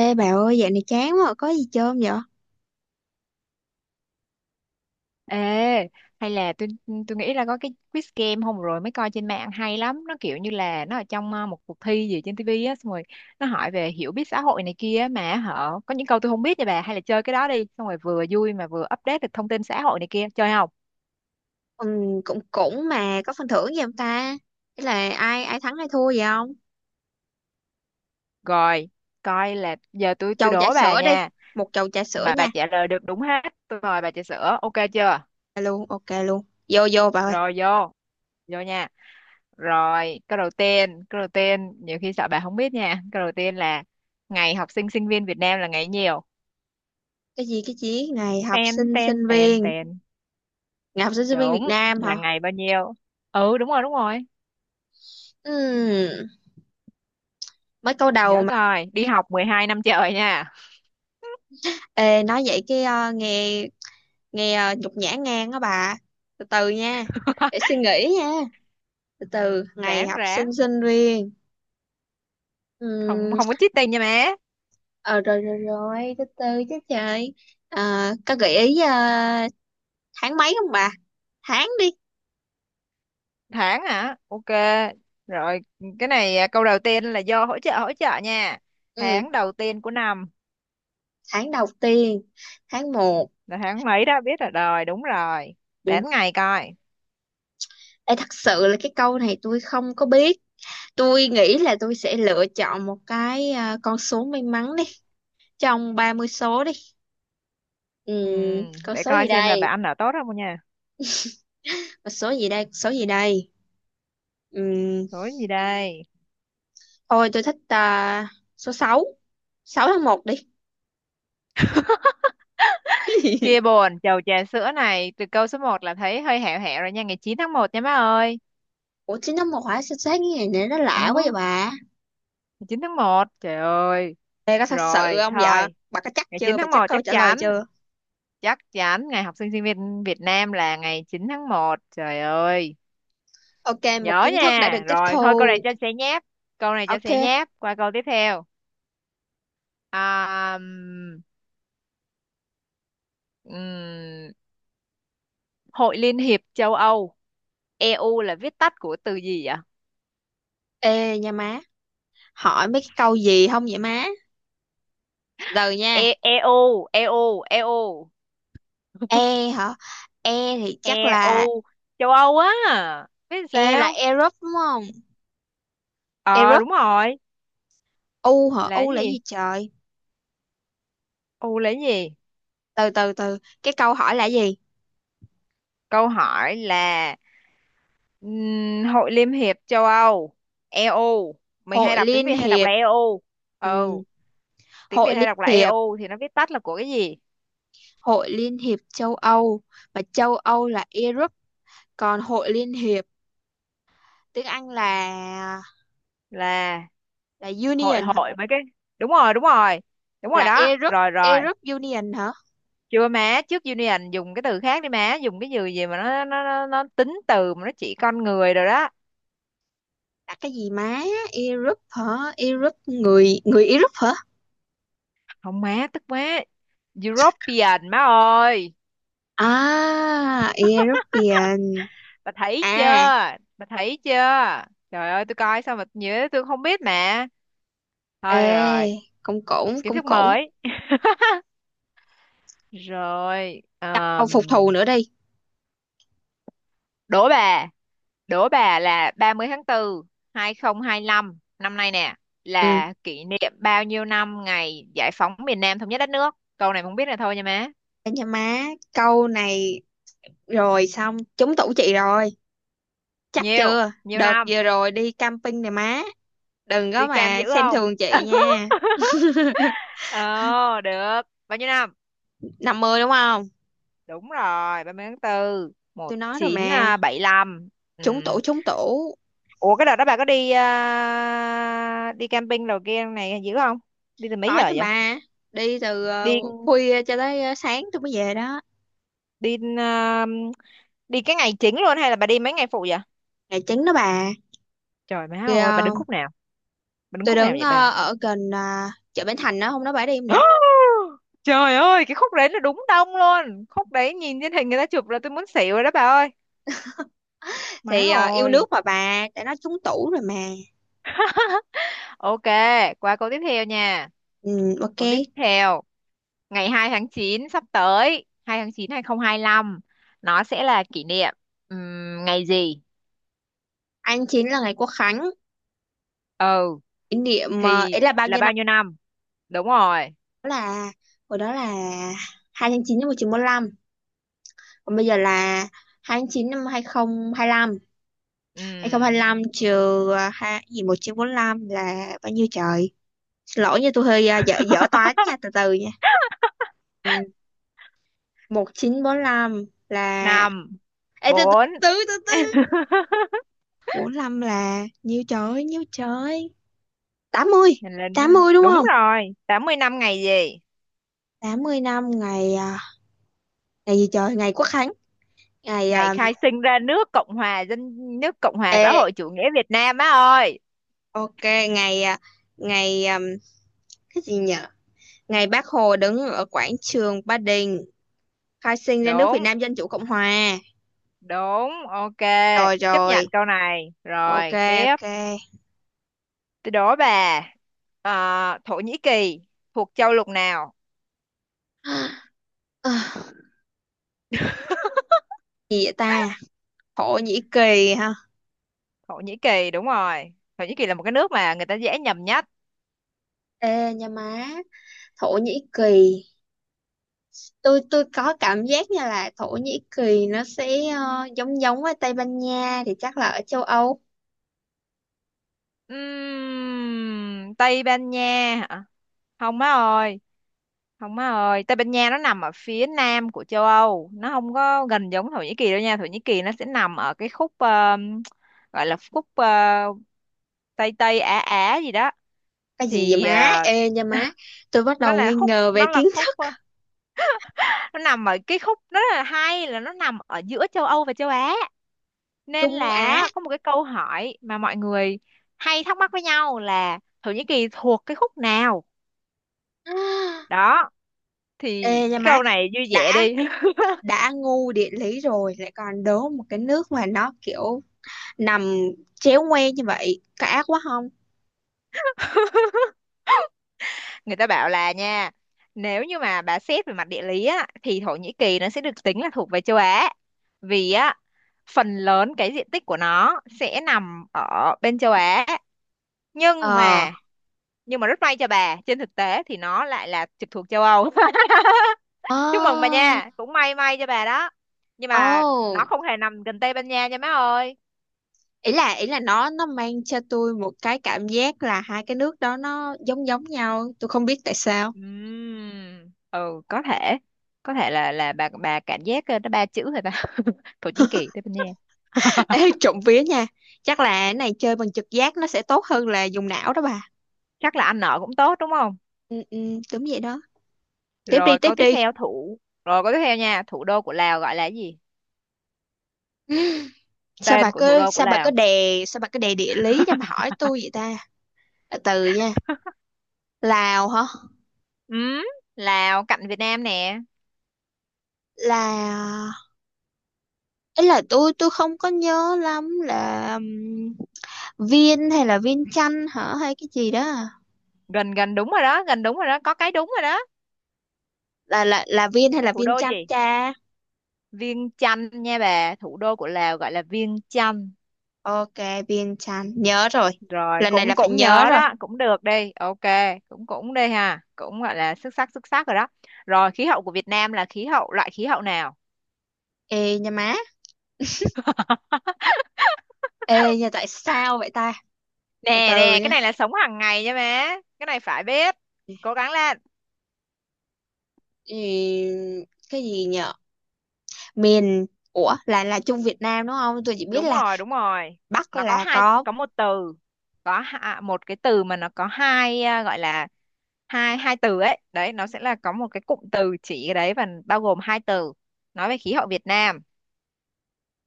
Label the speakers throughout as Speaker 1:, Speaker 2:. Speaker 1: Ê bà ơi, dạo này chán quá, có gì chơi không vậy?
Speaker 2: Ê, hay là tôi nghĩ là có cái quiz game hôm rồi mới coi trên mạng hay lắm, nó kiểu như là nó ở trong một cuộc thi gì trên tivi á, xong rồi nó hỏi về hiểu biết xã hội này kia mà họ có những câu tôi không biết nha bà. Hay là chơi cái đó đi, xong rồi vừa vui mà vừa update được thông tin xã hội này kia, chơi không?
Speaker 1: Ừ, cũng cũng mà có phần thưởng gì không ta? Thế là ai ai thắng ai thua vậy không?
Speaker 2: Rồi, coi là giờ tôi
Speaker 1: Chầu trà
Speaker 2: đố bà
Speaker 1: sữa đi,
Speaker 2: nha,
Speaker 1: một chầu trà sữa
Speaker 2: mà bà
Speaker 1: nha.
Speaker 2: trả lời được đúng hết, tôi mời bà trà sữa, ok chưa?
Speaker 1: Dạ luôn, ok luôn. Vô vô bà ơi.
Speaker 2: Rồi vô, vô nha. Rồi, câu đầu tiên, nhiều khi sợ bà không biết nha. Câu đầu tiên là ngày học sinh sinh viên Việt Nam là ngày nhiều.
Speaker 1: Cái gì cái gì? Ngày học
Speaker 2: Ten,
Speaker 1: sinh
Speaker 2: ten,
Speaker 1: sinh
Speaker 2: ten,
Speaker 1: viên,
Speaker 2: ten.
Speaker 1: ngày học sinh sinh viên Việt
Speaker 2: Đúng,
Speaker 1: Nam hả?
Speaker 2: là ngày bao nhiêu? Ừ, đúng rồi, đúng rồi.
Speaker 1: Ừm, Mới câu đầu
Speaker 2: Nhớ
Speaker 1: mà.
Speaker 2: coi, đi học 12 năm trời nha.
Speaker 1: Ê, nói vậy cái nghe nghe nhục nhã ngang đó bà. Từ từ nha, để suy nghĩ nha. Từ từ, ngày
Speaker 2: Ráng,
Speaker 1: học
Speaker 2: ráng.
Speaker 1: sinh sinh viên.
Speaker 2: Không
Speaker 1: Ừm,
Speaker 2: không có cheating nha má.
Speaker 1: Ờ, rồi rồi rồi, từ từ chứ trời. À, có gợi ý à, tháng mấy không bà? Tháng đi.
Speaker 2: Tháng hả? Ok. Rồi, cái này câu đầu tiên là do hỗ trợ nha.
Speaker 1: Ừ,
Speaker 2: Tháng đầu tiên của năm
Speaker 1: tháng đầu tiên, tháng một.
Speaker 2: là tháng mấy đó biết rồi. Rồi, đúng rồi.
Speaker 1: Ừ.
Speaker 2: Đến ngày coi.
Speaker 1: Ê, thật sự là cái câu này tôi không có biết. Tôi nghĩ là tôi sẽ lựa chọn một cái con số may mắn đi, trong 30 số đi. Ừ,
Speaker 2: Ừ,
Speaker 1: con
Speaker 2: để
Speaker 1: số
Speaker 2: coi
Speaker 1: gì
Speaker 2: xem là bà
Speaker 1: đây?
Speaker 2: ăn ở tốt không nha.
Speaker 1: Con số gì đây? Con số gì đây? Ừ,
Speaker 2: Tối gì đây?
Speaker 1: thôi tôi thích số sáu, 6 tháng một đi.
Speaker 2: Chia buồn, chầu trà sữa này từ câu số một là thấy hơi hẹo hẹo rồi nha, ngày 9 tháng 1 nha má ơi.
Speaker 1: Ủa chín tháng một hả? Sao sáng cái ngày này nó lạ quá vậy
Speaker 2: Ừ,
Speaker 1: bà?
Speaker 2: ngày 9 tháng 1. Trời ơi.
Speaker 1: Đây có thật sự
Speaker 2: Rồi,
Speaker 1: không dạ?
Speaker 2: thôi.
Speaker 1: Bà có chắc
Speaker 2: Ngày 9
Speaker 1: chưa? Bà
Speaker 2: tháng
Speaker 1: chắc
Speaker 2: 1
Speaker 1: câu trả lời chưa?
Speaker 2: chắc chắn ngày học sinh sinh viên Việt Nam là ngày 9 tháng 1. Trời ơi.
Speaker 1: Ok, một
Speaker 2: Nhớ
Speaker 1: kiến thức đã được
Speaker 2: nha.
Speaker 1: tiếp
Speaker 2: Rồi, thôi câu này
Speaker 1: thu.
Speaker 2: cho sẽ nháp. Câu này cho sẽ
Speaker 1: Ok.
Speaker 2: nháp. Qua câu tiếp theo. À, ừm, ừm, Hội Liên hiệp châu Âu EU là viết tắt của từ gì vậy?
Speaker 1: Ê nha má, hỏi mấy cái câu gì không vậy má? Giờ nha.
Speaker 2: E EU, EU, EU,
Speaker 1: E hả? E thì chắc là
Speaker 2: EU, châu Âu á. Biết
Speaker 1: E là
Speaker 2: sao?
Speaker 1: Europe đúng không?
Speaker 2: Ờ,
Speaker 1: Europe.
Speaker 2: đúng rồi.
Speaker 1: U hả?
Speaker 2: Là
Speaker 1: U
Speaker 2: cái
Speaker 1: là
Speaker 2: gì?
Speaker 1: gì trời?
Speaker 2: U là cái gì?
Speaker 1: Từ từ từ. Cái câu hỏi là gì?
Speaker 2: Câu hỏi là Hội Liên hiệp châu Âu, EU. Mình hay
Speaker 1: Hội
Speaker 2: đọc tiếng
Speaker 1: Liên
Speaker 2: Việt hay đọc
Speaker 1: hiệp.
Speaker 2: là EU. Ừ,
Speaker 1: Ừ.
Speaker 2: tiếng Việt
Speaker 1: Hội
Speaker 2: hay
Speaker 1: Liên
Speaker 2: đọc là
Speaker 1: hiệp,
Speaker 2: EU thì nó viết tắt là của cái gì?
Speaker 1: Hội Liên hiệp châu Âu, mà châu Âu là Europe, còn Hội Liên hiệp tiếng Anh là
Speaker 2: Là
Speaker 1: là
Speaker 2: hội
Speaker 1: Union hả?
Speaker 2: hội mấy cái. Đúng rồi, đúng rồi. Đúng rồi
Speaker 1: Là
Speaker 2: đó.
Speaker 1: Europe
Speaker 2: Rồi rồi.
Speaker 1: Europe Union hả?
Speaker 2: Chưa má, trước Union dùng cái từ khác đi má, dùng cái từ gì mà nó tính từ mà nó chỉ con người rồi đó.
Speaker 1: Là cái gì má? Europe hả? Europe, người người Europe hả?
Speaker 2: Không má, tức má European má ơi.
Speaker 1: À, European
Speaker 2: Bà thấy chưa?
Speaker 1: à.
Speaker 2: Bà thấy chưa? Trời ơi, tôi coi sao mà nhớ, tôi không biết mẹ. Thôi rồi,
Speaker 1: Ê, cũng cũng
Speaker 2: kiến
Speaker 1: cũng
Speaker 2: thức
Speaker 1: cũng
Speaker 2: mới. Rồi
Speaker 1: câu phục thù nữa đi.
Speaker 2: đố bà, đố bà là 30 tháng 4 2025 năm nay nè,
Speaker 1: Ừ,
Speaker 2: là kỷ niệm bao nhiêu năm ngày giải phóng miền Nam thống nhất đất nước, câu này không biết là thôi nha má.
Speaker 1: để cho má câu này, rồi xong trúng tủ chị rồi. Chắc
Speaker 2: Nhiều,
Speaker 1: chưa,
Speaker 2: nhiều
Speaker 1: đợt
Speaker 2: năm.
Speaker 1: vừa rồi đi camping này má, đừng có
Speaker 2: Đi cam
Speaker 1: mà
Speaker 2: dữ
Speaker 1: xem
Speaker 2: không?
Speaker 1: thường chị nha.
Speaker 2: Ờ, được bao nhiêu năm?
Speaker 1: 50 đúng không?
Speaker 2: Đúng rồi, 30 tháng 4 một
Speaker 1: Tôi nói rồi
Speaker 2: chín
Speaker 1: mà,
Speaker 2: bảy lăm. Ừ.
Speaker 1: trúng tủ trúng tủ.
Speaker 2: Ủa cái đợt đó bà có đi đi camping đầu kia này dữ không? Đi từ mấy giờ
Speaker 1: Có chứ
Speaker 2: vậy?
Speaker 1: bà, đi từ
Speaker 2: đi
Speaker 1: khuya cho tới sáng tôi mới về đó.
Speaker 2: đi à, đi cái ngày chính luôn hay là bà đi mấy ngày phụ vậy?
Speaker 1: Ngày chín đó bà.
Speaker 2: Trời má
Speaker 1: Thì
Speaker 2: ơi, bà đứng khúc nào? Bà đứng
Speaker 1: tôi
Speaker 2: khúc nào
Speaker 1: đứng
Speaker 2: vậy bà?
Speaker 1: ở gần chợ Bến Thành đó, hôm đó bà đi không vậy?
Speaker 2: Trời ơi, cái khúc đấy là đúng đông luôn. Khúc đấy nhìn trên hình người ta chụp là tôi muốn xỉu rồi đó bà ơi. Má
Speaker 1: Thì yêu
Speaker 2: ơi.
Speaker 1: nước mà bà, tại nó trúng tủ rồi mà.
Speaker 2: Ok, qua câu tiếp theo nha.
Speaker 1: Ừ, ok.
Speaker 2: Câu tiếp theo, ngày 2 tháng 9 sắp tới, 2 tháng 9 2025, nó sẽ là kỷ niệm ngày gì?
Speaker 1: Anh chín là ngày Quốc Khánh,
Speaker 2: Ừ,
Speaker 1: kỷ niệm
Speaker 2: thì
Speaker 1: ấy là bao
Speaker 2: là
Speaker 1: nhiêu
Speaker 2: bao
Speaker 1: năm?
Speaker 2: nhiêu năm? Đúng rồi.
Speaker 1: Đó là, hồi đó là 2/9 năm 1945, còn bây giờ là 2/9 năm 2025.
Speaker 2: Ừm,
Speaker 1: 2025 trừ hai gì 1945 là bao nhiêu trời? Xin lỗi nha, tôi hơi dở dở toán nha, từ từ nha. 1945 là...
Speaker 2: 5,
Speaker 1: Ê, từ từ,
Speaker 2: 4.
Speaker 1: từ từ từ. 45 là nhiêu trời, nhiêu trời? Tám mươi,
Speaker 2: Nhìn lên đó.
Speaker 1: tám mươi đúng
Speaker 2: Đúng
Speaker 1: không?
Speaker 2: rồi, 80 năm ngày gì?
Speaker 1: 80 năm ngày ngày gì trời? Ngày Quốc Khánh, ngày
Speaker 2: Ngày khai sinh ra nước Cộng hòa xã
Speaker 1: ê,
Speaker 2: hội chủ nghĩa Việt Nam á ơi.
Speaker 1: ok, ngày ngày cái gì nhở? Ngày Bác Hồ đứng ở quảng trường Ba Đình khai sinh ra nước Việt
Speaker 2: Đúng.
Speaker 1: Nam Dân Chủ Cộng Hòa.
Speaker 2: Đúng, ok,
Speaker 1: Rồi
Speaker 2: chấp nhận
Speaker 1: rồi
Speaker 2: câu này
Speaker 1: ok
Speaker 2: rồi tiếp.
Speaker 1: ok.
Speaker 2: Tôi đố bà Thổ Nhĩ Kỳ thuộc châu lục nào?
Speaker 1: À, gì vậy ta? Khổ nhĩ kỳ ha.
Speaker 2: Thổ Nhĩ Kỳ đúng rồi. Thổ Nhĩ Kỳ là một cái nước mà người ta dễ nhầm nhất.
Speaker 1: Ê nha má, Thổ Nhĩ Kỳ, tôi có cảm giác như là Thổ Nhĩ Kỳ nó sẽ giống giống với Tây Ban Nha, thì chắc là ở châu Âu.
Speaker 2: Tây Ban Nha hả? Không má ơi, không má ơi, Tây Ban Nha nó nằm ở phía nam của châu Âu, nó không có gần giống Thổ Nhĩ Kỳ đâu nha. Thổ Nhĩ Kỳ nó sẽ nằm ở cái khúc gọi là khúc Tây Tây Á Á gì đó.
Speaker 1: Cái gì vậy
Speaker 2: Thì
Speaker 1: má? Ê nha má, tôi bắt
Speaker 2: nó
Speaker 1: đầu
Speaker 2: là
Speaker 1: nghi
Speaker 2: khúc
Speaker 1: ngờ về
Speaker 2: nó là
Speaker 1: kiến
Speaker 2: khúc ờ,
Speaker 1: thức.
Speaker 2: nó nằm ở cái khúc, nó rất là hay là nó nằm ở giữa châu Âu và châu Á, nên
Speaker 1: Trung Á.
Speaker 2: là có một cái câu hỏi mà mọi người hay thắc mắc với nhau là Thổ Nhĩ Kỳ thuộc cái khúc nào đó. Thì
Speaker 1: Ê nha
Speaker 2: cái
Speaker 1: má,
Speaker 2: câu này vui vẻ
Speaker 1: đã
Speaker 2: đi.
Speaker 1: đã ngu địa lý rồi lại còn đố một cái nước mà nó kiểu nằm chéo ngoe như vậy, có ác quá không?
Speaker 2: Người ta bảo là nha, nếu như mà bà xét về mặt địa lý á thì Thổ Nhĩ Kỳ nó sẽ được tính là thuộc về châu Á, vì á phần lớn cái diện tích của nó sẽ nằm ở bên châu Á. nhưng
Speaker 1: Ờ.
Speaker 2: mà nhưng mà rất may cho bà, trên thực tế thì nó lại là trực thuộc châu Âu. Chúc mừng bà
Speaker 1: Ờ.
Speaker 2: nha, cũng may may cho bà đó. Nhưng mà nó
Speaker 1: Ồ.
Speaker 2: không hề nằm gần Tây Ban Nha nha má ơi.
Speaker 1: Ý là nó mang cho tôi một cái cảm giác là hai cái nước đó nó giống giống nhau, tôi không biết tại sao.
Speaker 2: Ừ, có thể là bà cảm giác nó ba chữ rồi ta. Thổ Chính Kỳ Tây Ban Nha.
Speaker 1: Ê, trộm vía nha, chắc là cái này chơi bằng trực giác nó sẽ tốt hơn là dùng não đó bà.
Speaker 2: Chắc là ăn nợ cũng tốt đúng không?
Speaker 1: Ừ, ừ, đúng vậy đó. Tiếp đi
Speaker 2: rồi
Speaker 1: tiếp
Speaker 2: câu tiếp
Speaker 1: đi.
Speaker 2: theo thủ Rồi câu tiếp theo nha, thủ đô của Lào gọi là gì?
Speaker 1: Sao bà
Speaker 2: Tên của thủ
Speaker 1: cứ
Speaker 2: đô của
Speaker 1: sao bà cứ
Speaker 2: Lào.
Speaker 1: đè sao bà cứ đè địa lý cho mà hỏi tôi vậy ta? Từ từ nha. Lào hả?
Speaker 2: Ừm, Lào cạnh Việt Nam nè.
Speaker 1: là ấy là tôi không có nhớ lắm là Viên hay là Viên Chanh hả, hay cái gì đó à?
Speaker 2: Gần, gần đúng rồi đó, gần đúng rồi đó, có cái đúng rồi đó.
Speaker 1: Là là viên hay là
Speaker 2: Thủ
Speaker 1: viên
Speaker 2: đô
Speaker 1: chanh
Speaker 2: gì?
Speaker 1: cha?
Speaker 2: Viêng Chăn nha bà, thủ đô của Lào gọi là Viêng Chăn.
Speaker 1: Ok, viên chanh nhớ rồi.
Speaker 2: Rồi
Speaker 1: Lần này là
Speaker 2: cũng
Speaker 1: phải
Speaker 2: cũng
Speaker 1: nhớ
Speaker 2: nhớ
Speaker 1: rồi.
Speaker 2: đó, cũng được đi. Ok, cũng cũng đi ha. Cũng gọi là xuất sắc rồi đó. Rồi khí hậu của Việt Nam là khí hậu loại khí hậu nào?
Speaker 1: Ê nha má, ê nha, tại sao vậy ta? Từ
Speaker 2: Nè
Speaker 1: từ
Speaker 2: nè, cái
Speaker 1: nha.
Speaker 2: này là sống hàng ngày nha bé. Cái này phải biết. Cố gắng lên.
Speaker 1: Ừ, cái gì nhở? miền ủa, là Trung Việt Nam đúng không? Tôi chỉ biết
Speaker 2: Đúng
Speaker 1: là
Speaker 2: rồi, đúng rồi.
Speaker 1: Bắc
Speaker 2: Nó có
Speaker 1: là
Speaker 2: hai
Speaker 1: có...
Speaker 2: có một từ. Một cái từ mà nó có hai gọi là hai hai từ ấy. Đấy, nó sẽ là có một cái cụm từ chỉ cái đấy và bao gồm hai từ. Nói về khí hậu Việt Nam.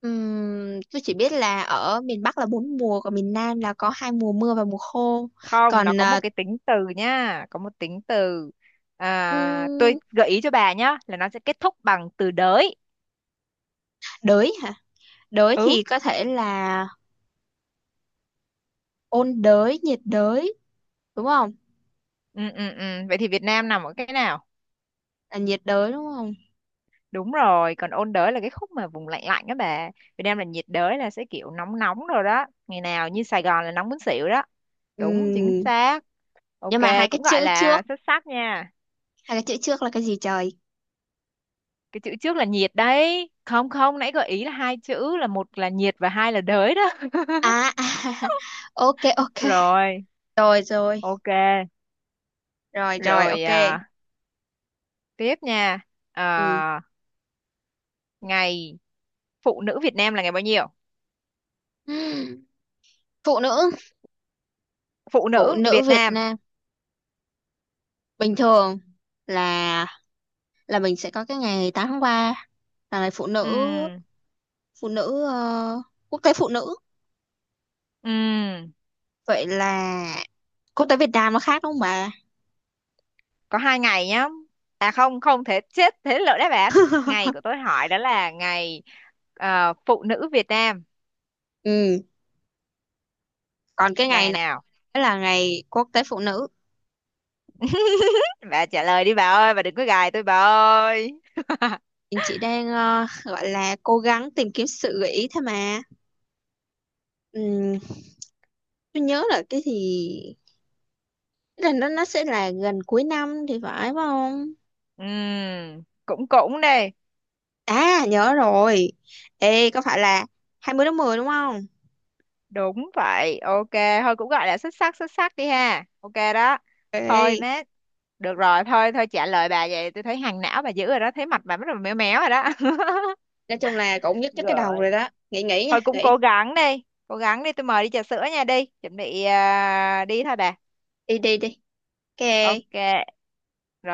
Speaker 1: tôi chỉ biết là ở miền Bắc là bốn mùa, còn miền Nam là có hai mùa mưa và mùa khô.
Speaker 2: Không, nó
Speaker 1: Còn
Speaker 2: có một cái tính từ nhá, có một tính từ. À, tôi
Speaker 1: ừm,
Speaker 2: gợi ý cho bà nhá là nó sẽ kết thúc bằng từ đới.
Speaker 1: đới hả? Đới
Speaker 2: Ừ,
Speaker 1: thì có thể là ôn đới, nhiệt đới đúng không?
Speaker 2: ừ, ừ, ừ. Vậy thì Việt Nam nằm ở cái nào?
Speaker 1: Là nhiệt đới đúng không?
Speaker 2: Đúng rồi, còn ôn đới là cái khúc mà vùng lạnh lạnh đó bà. Việt Nam là nhiệt đới là sẽ kiểu nóng nóng rồi đó, ngày nào như Sài Gòn là nóng muốn xỉu đó.
Speaker 1: Ừ,
Speaker 2: Đúng chính xác. Ok.
Speaker 1: nhưng mà hai cái
Speaker 2: Cũng gọi
Speaker 1: chữ
Speaker 2: là
Speaker 1: trước,
Speaker 2: xuất sắc nha.
Speaker 1: hai cái chữ trước là cái gì trời?
Speaker 2: Cái chữ trước là nhiệt đấy, không không nãy gợi ý là hai chữ, là một là nhiệt và hai là đới đó.
Speaker 1: À. Ok ok.
Speaker 2: Rồi,
Speaker 1: Rồi rồi,
Speaker 2: ok.
Speaker 1: rồi rồi
Speaker 2: Rồi
Speaker 1: ok.
Speaker 2: tiếp nha.
Speaker 1: Ừ.
Speaker 2: À, ngày phụ nữ Việt Nam là ngày bao nhiêu?
Speaker 1: Ừm, Phụ nữ,
Speaker 2: Phụ
Speaker 1: phụ
Speaker 2: nữ
Speaker 1: nữ
Speaker 2: Việt
Speaker 1: Việt
Speaker 2: Nam.
Speaker 1: Nam, bình thường là là mình sẽ có cái ngày 8 tháng 3 là ngày phụ nữ
Speaker 2: Ừm,
Speaker 1: phụ nữ quốc tế phụ nữ.
Speaker 2: ừm,
Speaker 1: Vậy là quốc tế Việt Nam nó khác đúng không bà?
Speaker 2: có hai ngày nhá. À không, không thể chết thế lỡ đáp án. Ngày của tôi hỏi đó là ngày phụ nữ Việt Nam
Speaker 1: Ừ, còn cái
Speaker 2: là
Speaker 1: ngày
Speaker 2: ngày
Speaker 1: này
Speaker 2: nào?
Speaker 1: là ngày quốc tế phụ nữ.
Speaker 2: Bà trả lời đi bà ơi, bà đừng có gài tôi bà ơi.
Speaker 1: Mình chỉ đang gọi là cố gắng tìm kiếm sự gợi ý thôi mà. Ừm, tôi nhớ là cái lần đó nó sẽ là gần cuối năm thì phải, phải không?
Speaker 2: Cũng cũng đi.
Speaker 1: À nhớ rồi. Ê có phải là 20/10 đúng không?
Speaker 2: Đúng vậy, ok. Thôi cũng gọi là xuất sắc đi ha, ok đó. Thôi
Speaker 1: Ê,
Speaker 2: má, được rồi. Thôi thôi, trả lời bà vậy tôi thấy hàng não bà dữ rồi đó, thấy mặt bà bắt đầu méo méo rồi đó.
Speaker 1: nói chung là cũng nhất nhức cái đầu rồi
Speaker 2: Rồi,
Speaker 1: đó. Nghĩ nghĩ nha,
Speaker 2: thôi cũng cố
Speaker 1: nghĩ.
Speaker 2: gắng đi, cố gắng đi, tôi mời đi trà sữa nha. Đi chuẩn bị đi thôi bà.
Speaker 1: Đi đi đi. Ok.
Speaker 2: Ok. Rồi.